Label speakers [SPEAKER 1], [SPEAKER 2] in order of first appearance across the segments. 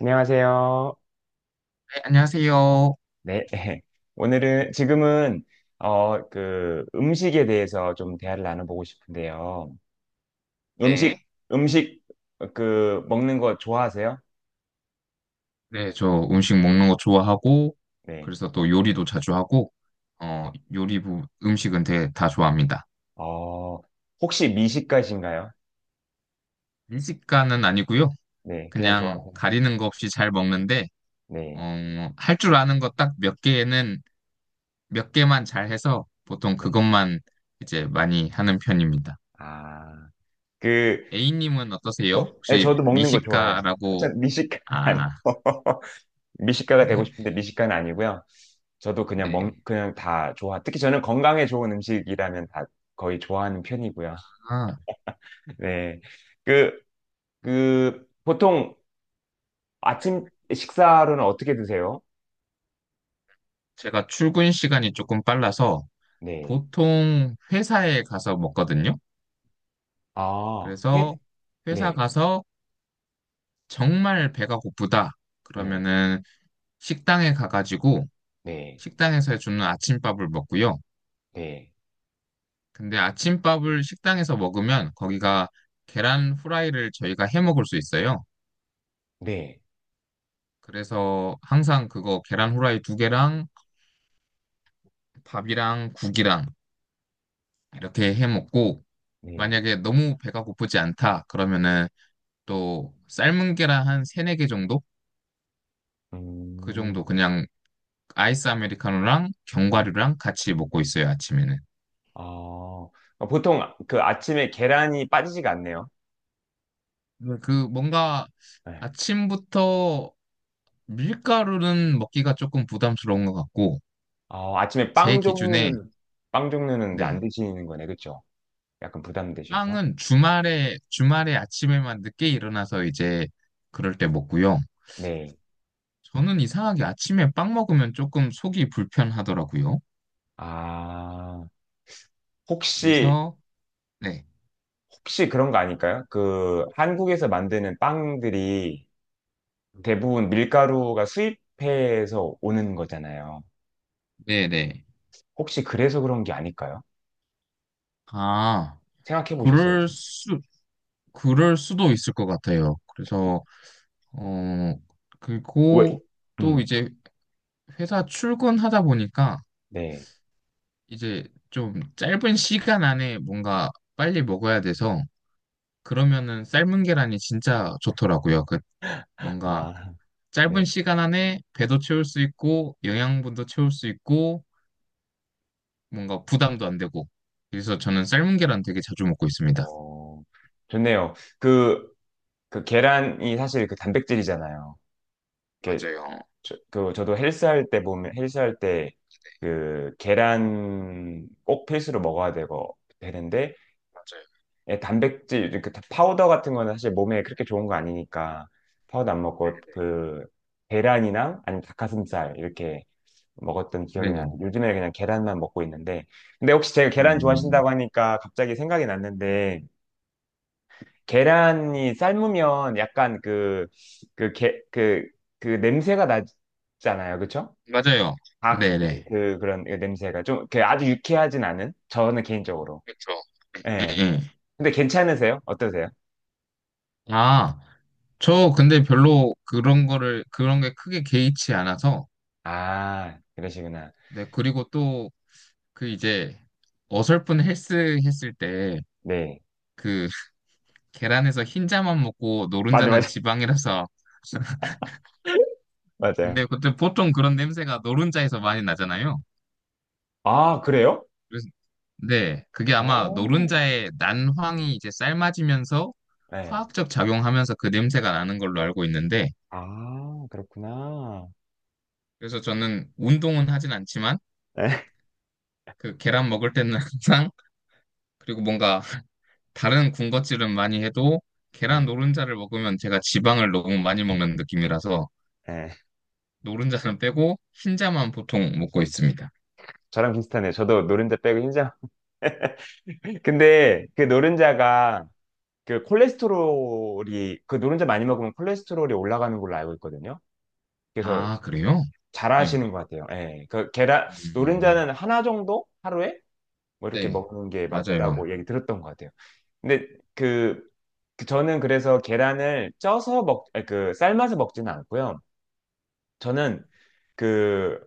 [SPEAKER 1] 안녕하세요.
[SPEAKER 2] 네, 안녕하세요.
[SPEAKER 1] 네. 오늘은, 지금은, 음식에 대해서 좀 대화를 나눠보고 싶은데요. 음식,
[SPEAKER 2] 네.
[SPEAKER 1] 음식, 먹는 거 좋아하세요?
[SPEAKER 2] 네, 저 음식 먹는 거 좋아하고,
[SPEAKER 1] 네.
[SPEAKER 2] 그래서 또 요리도 자주 하고, 음식은 되게 다 좋아합니다.
[SPEAKER 1] 어, 혹시 미식가신가요?
[SPEAKER 2] 음식가는 아니고요.
[SPEAKER 1] 네. 그냥
[SPEAKER 2] 그냥
[SPEAKER 1] 좋아하세요?
[SPEAKER 2] 가리는 거 없이 잘 먹는데,
[SPEAKER 1] 네.
[SPEAKER 2] 어, 할 줄 아는 거 딱 몇 개만 잘 해서 보통
[SPEAKER 1] 네.
[SPEAKER 2] 그것만 이제 많이 하는 편입니다.
[SPEAKER 1] 아, 그,
[SPEAKER 2] A님은 어떠세요?
[SPEAKER 1] 네,
[SPEAKER 2] 혹시
[SPEAKER 1] 저도 먹는 거 좋아해요. 아,
[SPEAKER 2] 미식가라고,
[SPEAKER 1] 참, 미식가
[SPEAKER 2] 아,
[SPEAKER 1] 아니고. 미식가가 되고 싶은데 미식가는 아니고요. 저도
[SPEAKER 2] 네.
[SPEAKER 1] 그냥 다 좋아. 특히 저는 건강에 좋은 음식이라면 다 거의 좋아하는 편이고요.
[SPEAKER 2] 아,
[SPEAKER 1] 네. 그, 보통 아침 식사로는 어떻게 드세요?
[SPEAKER 2] 제가 출근 시간이 조금 빨라서
[SPEAKER 1] 네.
[SPEAKER 2] 보통 회사에 가서 먹거든요.
[SPEAKER 1] 아, 해.
[SPEAKER 2] 그래서 회사
[SPEAKER 1] 네.
[SPEAKER 2] 가서 정말 배가 고프다.
[SPEAKER 1] 네.
[SPEAKER 2] 그러면은 식당에 가가지고
[SPEAKER 1] 네.
[SPEAKER 2] 식당에서 해주는 아침밥을 먹고요.
[SPEAKER 1] 네.
[SPEAKER 2] 근데 아침밥을 식당에서 먹으면 거기가 계란 후라이를 저희가 해 먹을 수 있어요.
[SPEAKER 1] 네.
[SPEAKER 2] 그래서 항상 그거 계란 후라이 두 개랑 밥이랑 국이랑 이렇게 해 먹고,
[SPEAKER 1] 네.
[SPEAKER 2] 만약에 너무 배가 고프지 않다 그러면은 또 삶은 계란 한 세네 개 정도? 그 정도
[SPEAKER 1] 음.
[SPEAKER 2] 그냥 아이스 아메리카노랑
[SPEAKER 1] 네.
[SPEAKER 2] 견과류랑 같이 먹고 있어요, 아침에는.
[SPEAKER 1] 아, 보통 그 아침에 계란이 빠지지가 않네요.
[SPEAKER 2] 네. 그 뭔가
[SPEAKER 1] 네.
[SPEAKER 2] 아침부터 밀가루는 먹기가 조금 부담스러운 것 같고,
[SPEAKER 1] 아, 아침에
[SPEAKER 2] 제 기준에,
[SPEAKER 1] 빵 종류는 이제 안
[SPEAKER 2] 네.
[SPEAKER 1] 드시는 거네. 그쵸? 약간 부담되셔서?
[SPEAKER 2] 빵은 주말에 아침에만 늦게 일어나서 이제 그럴 때 먹고요.
[SPEAKER 1] 네.
[SPEAKER 2] 저는 이상하게 아침에 빵 먹으면 조금 속이 불편하더라고요.
[SPEAKER 1] 아, 혹시,
[SPEAKER 2] 그래서, 네.
[SPEAKER 1] 혹시 그런 거 아닐까요? 그, 한국에서 만드는 빵들이 대부분 밀가루가 수입해서 오는 거잖아요.
[SPEAKER 2] 네네.
[SPEAKER 1] 혹시 그래서 그런 게 아닐까요?
[SPEAKER 2] 아,
[SPEAKER 1] 생각해 보셨어요?
[SPEAKER 2] 그럴 수, 그럴 수도 있을 것 같아요. 그래서 어,
[SPEAKER 1] 왜?
[SPEAKER 2] 그리고 또
[SPEAKER 1] 음,
[SPEAKER 2] 이제 회사 출근하다 보니까
[SPEAKER 1] 네.
[SPEAKER 2] 이제 좀 짧은 시간 안에 뭔가 빨리 먹어야 돼서 그러면은 삶은 계란이 진짜 좋더라고요. 그 뭔가
[SPEAKER 1] 아,
[SPEAKER 2] 짧은
[SPEAKER 1] 네.
[SPEAKER 2] 시간 안에 배도 채울 수 있고 영양분도 채울 수 있고 뭔가 부담도 안 되고 그래서 저는 삶은 계란 되게 자주 먹고 있습니다.
[SPEAKER 1] 어, 좋네요. 그 계란이 사실 그 단백질이잖아요. 이렇게
[SPEAKER 2] 맞아요.
[SPEAKER 1] 저도 헬스할 때 보면 헬스할 때 그 계란 꼭 필수로 먹어야 되고 되는데
[SPEAKER 2] 맞아요.
[SPEAKER 1] 예, 단백질 이렇게 파우더 같은 거는 사실 몸에 그렇게 좋은 거 아니니까 파우더 안 먹고 그 계란이나 아니면 닭가슴살 이렇게 먹었던 기억이
[SPEAKER 2] 네네. 네.
[SPEAKER 1] 나는데 요즘에 그냥 계란만 먹고 있는데 근데 혹시 제가 계란
[SPEAKER 2] 음,
[SPEAKER 1] 좋아하신다고 하니까 갑자기 생각이 났는데 계란이 삶으면 약간 그 그 게 그 그 냄새가 나잖아요, 그쵸?
[SPEAKER 2] 맞아요.
[SPEAKER 1] 닭,
[SPEAKER 2] 네네.
[SPEAKER 1] 그런 그 냄새가 좀, 그 아주 유쾌하진 않은? 저는 개인적으로.
[SPEAKER 2] 그렇죠. 예,
[SPEAKER 1] 예.
[SPEAKER 2] 예.
[SPEAKER 1] 근데 괜찮으세요? 어떠세요?
[SPEAKER 2] 아, 저 근데 별로 그런 게 크게 개의치 않아서,
[SPEAKER 1] 아, 그러시구나.
[SPEAKER 2] 네, 그리고 또 그 이제 어설픈 헬스 했을 때
[SPEAKER 1] 네.
[SPEAKER 2] 그 계란에서 흰자만 먹고
[SPEAKER 1] 맞아,
[SPEAKER 2] 노른자는
[SPEAKER 1] 맞아.
[SPEAKER 2] 지방이라서,
[SPEAKER 1] 맞아요.
[SPEAKER 2] 근데 그때 보통 그런 냄새가 노른자에서 많이 나잖아요.
[SPEAKER 1] 아, 그래요?
[SPEAKER 2] 그래서, 네, 그게 아마
[SPEAKER 1] 오,
[SPEAKER 2] 노른자의 난황이 이제 삶아지면서
[SPEAKER 1] 네.
[SPEAKER 2] 화학적 작용하면서 그 냄새가 나는 걸로 알고 있는데,
[SPEAKER 1] 아, 그렇구나.
[SPEAKER 2] 그래서 저는 운동은 하진 않지만,
[SPEAKER 1] 네.
[SPEAKER 2] 그 계란 먹을 때는 항상, 그리고 뭔가 다른 군것질은 많이 해도 계란
[SPEAKER 1] 네.
[SPEAKER 2] 노른자를 먹으면 제가 지방을 너무 많이 먹는 느낌이라서
[SPEAKER 1] 네.
[SPEAKER 2] 노른자는 빼고 흰자만 보통 먹고 있습니다.
[SPEAKER 1] 저랑 비슷하네요. 저도 노른자 빼고 흰자. 근데 그 노른자가 그 노른자 많이 먹으면 콜레스테롤이 올라가는 걸로 알고 있거든요. 그래서
[SPEAKER 2] 아, 그래요? 네.
[SPEAKER 1] 잘하시는 것 같아요. 예. 그 계란
[SPEAKER 2] 음,
[SPEAKER 1] 노른자는 하나 정도 하루에 뭐 이렇게
[SPEAKER 2] 네,
[SPEAKER 1] 먹는 게
[SPEAKER 2] 맞아요.
[SPEAKER 1] 맞다고 얘기 들었던 것 같아요. 근데 그, 저는 그래서 계란을 아니, 삶아서 먹지는 않고요. 저는 그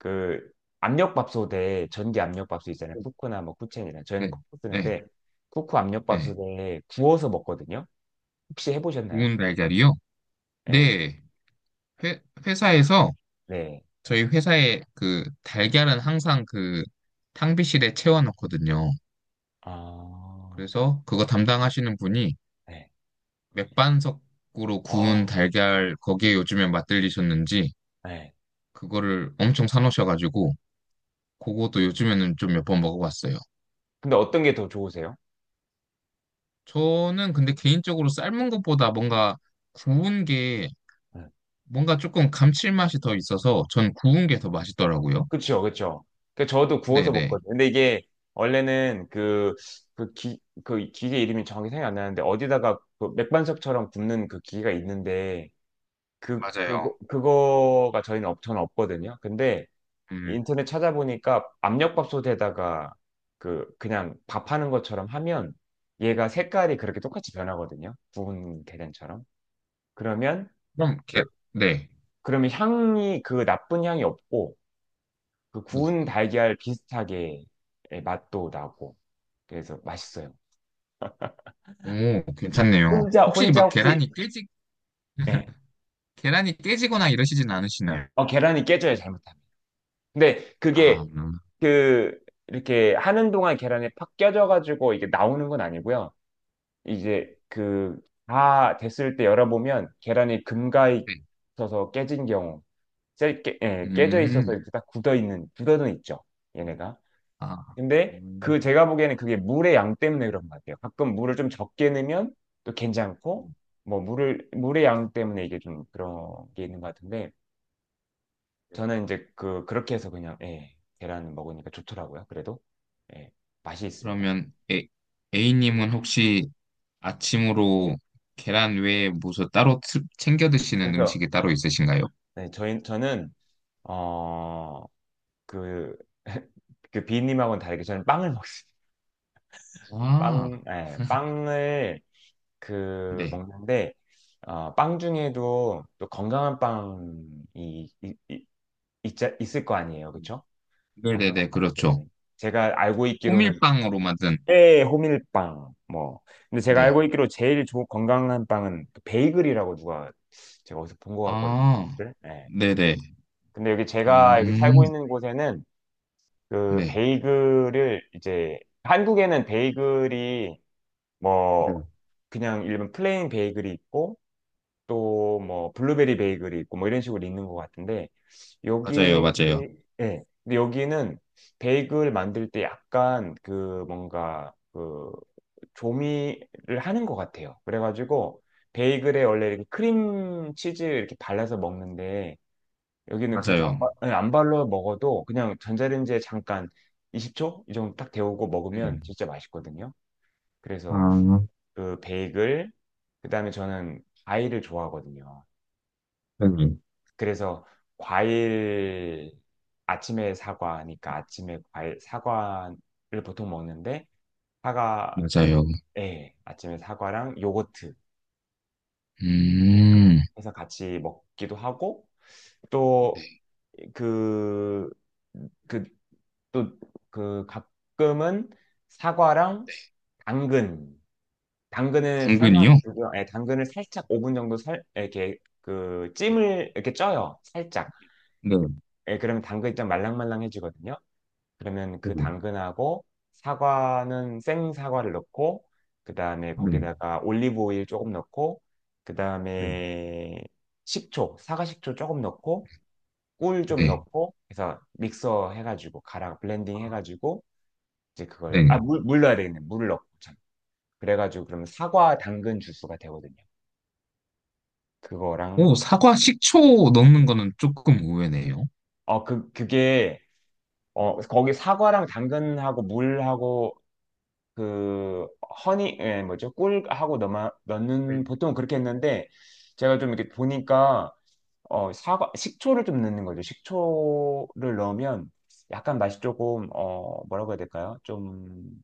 [SPEAKER 1] 그 압력밥솥에 전기 압력밥솥 있잖아요. 쿠쿠나 뭐 쿠첸이나 저희는
[SPEAKER 2] 네,
[SPEAKER 1] 쿠쿠
[SPEAKER 2] 네,
[SPEAKER 1] 쓰는데 쿠쿠
[SPEAKER 2] 네.
[SPEAKER 1] 압력밥솥에 구워서 먹거든요. 혹시 해보셨나요?
[SPEAKER 2] 구운 달걀이요?
[SPEAKER 1] 네,
[SPEAKER 2] 네, 회사에서
[SPEAKER 1] 네,
[SPEAKER 2] 저희 회사에 그 달걀은 항상 그 탕비실에 채워놓거든요.
[SPEAKER 1] 아,
[SPEAKER 2] 그래서 그거 담당하시는 분이
[SPEAKER 1] 네,
[SPEAKER 2] 맥반석으로 구운
[SPEAKER 1] 아,
[SPEAKER 2] 달걀 거기에 요즘에 맛들리셨는지
[SPEAKER 1] 네.
[SPEAKER 2] 그거를 엄청 사놓으셔가지고 그것도 요즘에는 좀 몇 번 먹어봤어요.
[SPEAKER 1] 근데 어떤 게 더 좋으세요?
[SPEAKER 2] 저는 근데 개인적으로 삶은 것보다 뭔가 구운 게
[SPEAKER 1] 네.
[SPEAKER 2] 뭔가 조금 감칠맛이 더 있어서 전 구운 게 더 맛있더라고요.
[SPEAKER 1] 그쵸, 그쵸. 그 저도 구워서
[SPEAKER 2] 네네.
[SPEAKER 1] 먹거든요. 근데 이게 원래는 그 기계 이름이 정확히 생각이 안 나는데 어디다가 그 맥반석처럼 굽는 그 기계가 있는데
[SPEAKER 2] 맞아요.
[SPEAKER 1] 그거가 저희는 저는 없거든요. 근데
[SPEAKER 2] 음,
[SPEAKER 1] 인터넷 찾아보니까 압력밥솥에다가 그냥 밥하는 것처럼 하면 얘가 색깔이 그렇게 똑같이 변하거든요. 구운 계란처럼. 그러면,
[SPEAKER 2] 그럼
[SPEAKER 1] 그-
[SPEAKER 2] 게, 네.
[SPEAKER 1] 그러면 향이 그 나쁜 향이 없고 그
[SPEAKER 2] 네.
[SPEAKER 1] 구운 달걀 비슷하게 예, 맛도 나고 그래서 맛있어요.
[SPEAKER 2] 오, 괜찮네요. 혹시
[SPEAKER 1] 혼자
[SPEAKER 2] 막
[SPEAKER 1] 혹시 예.
[SPEAKER 2] 계란이 깨지거나 이러시진 않으시나요?
[SPEAKER 1] 계란이 깨져요 잘못하면. 근데 그게
[SPEAKER 2] 아,
[SPEAKER 1] 그 이렇게 하는 동안 계란이 팍 깨져 가지고 이게 나오는 건 아니고요. 이제 그 다 됐을 때 열어보면 계란이 금가
[SPEAKER 2] 네.
[SPEAKER 1] 있어서 깨진 경우 예, 깨져
[SPEAKER 2] 음,
[SPEAKER 1] 있어서 이렇게 딱 굳어 있는 굳어는 있죠. 얘네가.
[SPEAKER 2] 아,
[SPEAKER 1] 근데
[SPEAKER 2] 음.
[SPEAKER 1] 그 제가 보기에는 그게 물의 양 때문에 그런 것 같아요. 가끔 물을 좀 적게 넣으면 또 괜찮고 뭐 물을 물의 양 때문에 이게 좀 그런 게 있는 것 같은데 저는 이제 그 그렇게 해서 그냥 예, 계란 먹으니까 좋더라고요. 그래도 예, 맛이 있습니다.
[SPEAKER 2] 그러면 A님은 혹시 아침으로 계란 외에 무슨 따로 챙겨 드시는
[SPEAKER 1] 그래서
[SPEAKER 2] 음식이 따로 있으신가요?
[SPEAKER 1] 네, 저희 저는 어그 그 그 비님하고는 다르게 저는 빵을 먹습니다.
[SPEAKER 2] 아,
[SPEAKER 1] 예, 빵을
[SPEAKER 2] 네.
[SPEAKER 1] 먹는데 빵 중에도 또 건강한 빵이 있을 거 아니에요, 그렇죠? 건강한
[SPEAKER 2] 네네네,
[SPEAKER 1] 빵.
[SPEAKER 2] 그렇죠.
[SPEAKER 1] 네. 제가 알고 있기로는
[SPEAKER 2] 호밀빵으로 만든,
[SPEAKER 1] 꽤 호밀빵 뭐. 근데 제가
[SPEAKER 2] 네.
[SPEAKER 1] 알고 있기로 제일 좋은 건강한 빵은 그 베이글이라고 누가 제가 어디서 본 것 같거든요.
[SPEAKER 2] 아,
[SPEAKER 1] 네. 네.
[SPEAKER 2] 네네.
[SPEAKER 1] 근데 여기 제가 여기 살고
[SPEAKER 2] 음,
[SPEAKER 1] 있는 곳에는 그
[SPEAKER 2] 네.
[SPEAKER 1] 베이글을 이제 한국에는 베이글이 뭐
[SPEAKER 2] 네.
[SPEAKER 1] 그냥 일반 플레인 베이글이 있고 또 뭐 블루베리 베이글이 있고 뭐 이런 식으로 있는 것 같은데
[SPEAKER 2] 맞아요,
[SPEAKER 1] 여기
[SPEAKER 2] 맞아요.
[SPEAKER 1] 예 근데 여기는 베이글 만들 때 약간 뭔가 조미를 하는 것 같아요. 그래가지고 베이글에 원래 이렇게 크림 치즈 이렇게 발라서 먹는데 여기는 그렇게 안,
[SPEAKER 2] 맞아요.
[SPEAKER 1] 바- 예, 안 발라 먹어도 그냥 전자레인지에 잠깐 20초 이 정도 딱 데우고
[SPEAKER 2] 네.
[SPEAKER 1] 먹으면 진짜 맛있거든요. 그래서
[SPEAKER 2] 아,
[SPEAKER 1] 그 베이글 그다음에 저는 과일을 좋아하거든요.
[SPEAKER 2] 네.
[SPEAKER 1] 그래서 과일 아침에 사과니까 아침에 과일 사과를 보통 먹는데 사과
[SPEAKER 2] 맞아요.
[SPEAKER 1] 예, 아침에 사과랑 요거트
[SPEAKER 2] 음,
[SPEAKER 1] 해서 같이 먹기도 하고
[SPEAKER 2] 네.
[SPEAKER 1] 또그그또그 가끔은 사과랑 당근 당근을
[SPEAKER 2] 당근이요?
[SPEAKER 1] 삶아가지고 예, 당근을 살짝 5분 정도 살 이렇게 그
[SPEAKER 2] 네.
[SPEAKER 1] 찜을 이렇게 쪄요 살짝
[SPEAKER 2] 네.
[SPEAKER 1] 예, 그러면 당근이 좀 말랑말랑해지거든요. 그러면
[SPEAKER 2] 네.
[SPEAKER 1] 그 당근하고 사과는 생 사과를 넣고 그다음에 거기다가 올리브 오일 조금 넣고
[SPEAKER 2] 네.
[SPEAKER 1] 그다음에 사과 식초 조금 넣고 꿀 좀
[SPEAKER 2] 네.
[SPEAKER 1] 넣고 해서 믹서 해가지고 가랑 블렌딩 해가지고 이제 그걸 아
[SPEAKER 2] 네.
[SPEAKER 1] 물 넣어야 되겠네 물을 넣고 참 그래가지고 그러면 사과 당근 주스가 되거든요 그거랑
[SPEAKER 2] 오, 사과 식초 넣는 거는 조금 의외네요.
[SPEAKER 1] 어 그 그게 어 거기 사과랑 당근하고 물하고 그 허니 예, 뭐죠? 꿀하고 넣어 넣는
[SPEAKER 2] 음.
[SPEAKER 1] 보통 그렇게 했는데 제가 좀 이렇게 보니까 사과 식초를 좀 넣는 거죠. 식초를 넣으면 약간 맛이 조금 뭐라고 해야 될까요? 좀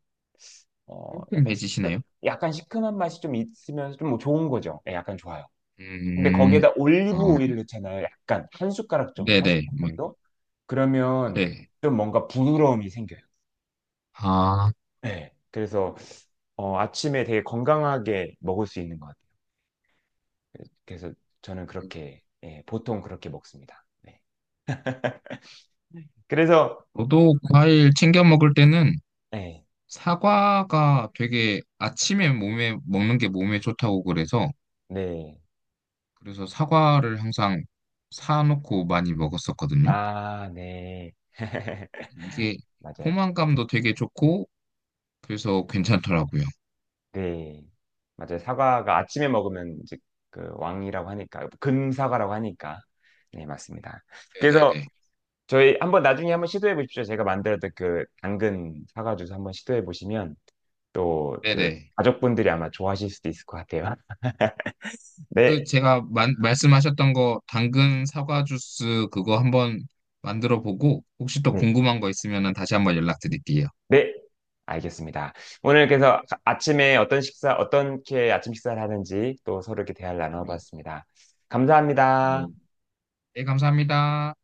[SPEAKER 1] 어 약간 시
[SPEAKER 2] 깔끔해지시나요?
[SPEAKER 1] 약간 시큼한 맛이 좀 있으면서 좀뭐 좋은 거죠. 예, 약간 좋아요. 근데
[SPEAKER 2] 음,
[SPEAKER 1] 거기에다 올리브
[SPEAKER 2] 어,
[SPEAKER 1] 오일을 넣잖아요. 약간 한 숟가락 정도, 한
[SPEAKER 2] 네네,
[SPEAKER 1] 숟가락
[SPEAKER 2] 뭐,
[SPEAKER 1] 정도? 그러면
[SPEAKER 2] 네.
[SPEAKER 1] 좀 뭔가 부드러움이 생겨요.
[SPEAKER 2] 아,
[SPEAKER 1] 네. 그래서 아침에 되게 건강하게 먹을 수 있는 것 같아요. 그래서 저는 그렇게, 예, 보통 그렇게 먹습니다. 네. 그래서,
[SPEAKER 2] 저도 과일 챙겨 먹을 때는
[SPEAKER 1] 네,
[SPEAKER 2] 사과가 되게 아침에 몸에 먹는 게 몸에 좋다고 그래서
[SPEAKER 1] 네.
[SPEAKER 2] 그래서 사과를 항상 사놓고 많이 먹었었거든요.
[SPEAKER 1] 아, 네.
[SPEAKER 2] 이게
[SPEAKER 1] 맞아요.
[SPEAKER 2] 포만감도 되게 좋고 그래서 괜찮더라고요.
[SPEAKER 1] 네. 맞아요. 사과가 아침에 먹으면 이제 그 왕이라고 하니까, 금사과라고 하니까. 네, 맞습니다. 그래서
[SPEAKER 2] 네네네.
[SPEAKER 1] 저희 한번 나중에 한번 시도해 보십시오. 제가 만들었던 그 당근 사과 주스 한번 시도해 보시면 또 그
[SPEAKER 2] 네네.
[SPEAKER 1] 가족분들이 아마 좋아하실 수도 있을 것 같아요.
[SPEAKER 2] 그
[SPEAKER 1] 네,
[SPEAKER 2] 제가 말씀하셨던 거 당근 사과 주스 그거 한번 만들어 보고 혹시 또
[SPEAKER 1] 네,
[SPEAKER 2] 궁금한 거 있으면 다시 한번 연락드릴게요.
[SPEAKER 1] 네. 알겠습니다. 오늘 그래서 아침에 어떤 식사, 어떻게 아침 식사를 하는지 또 서로 이렇게 대화를
[SPEAKER 2] 네.
[SPEAKER 1] 나눠봤습니다. 감사합니다.
[SPEAKER 2] 네. 네, 감사합니다.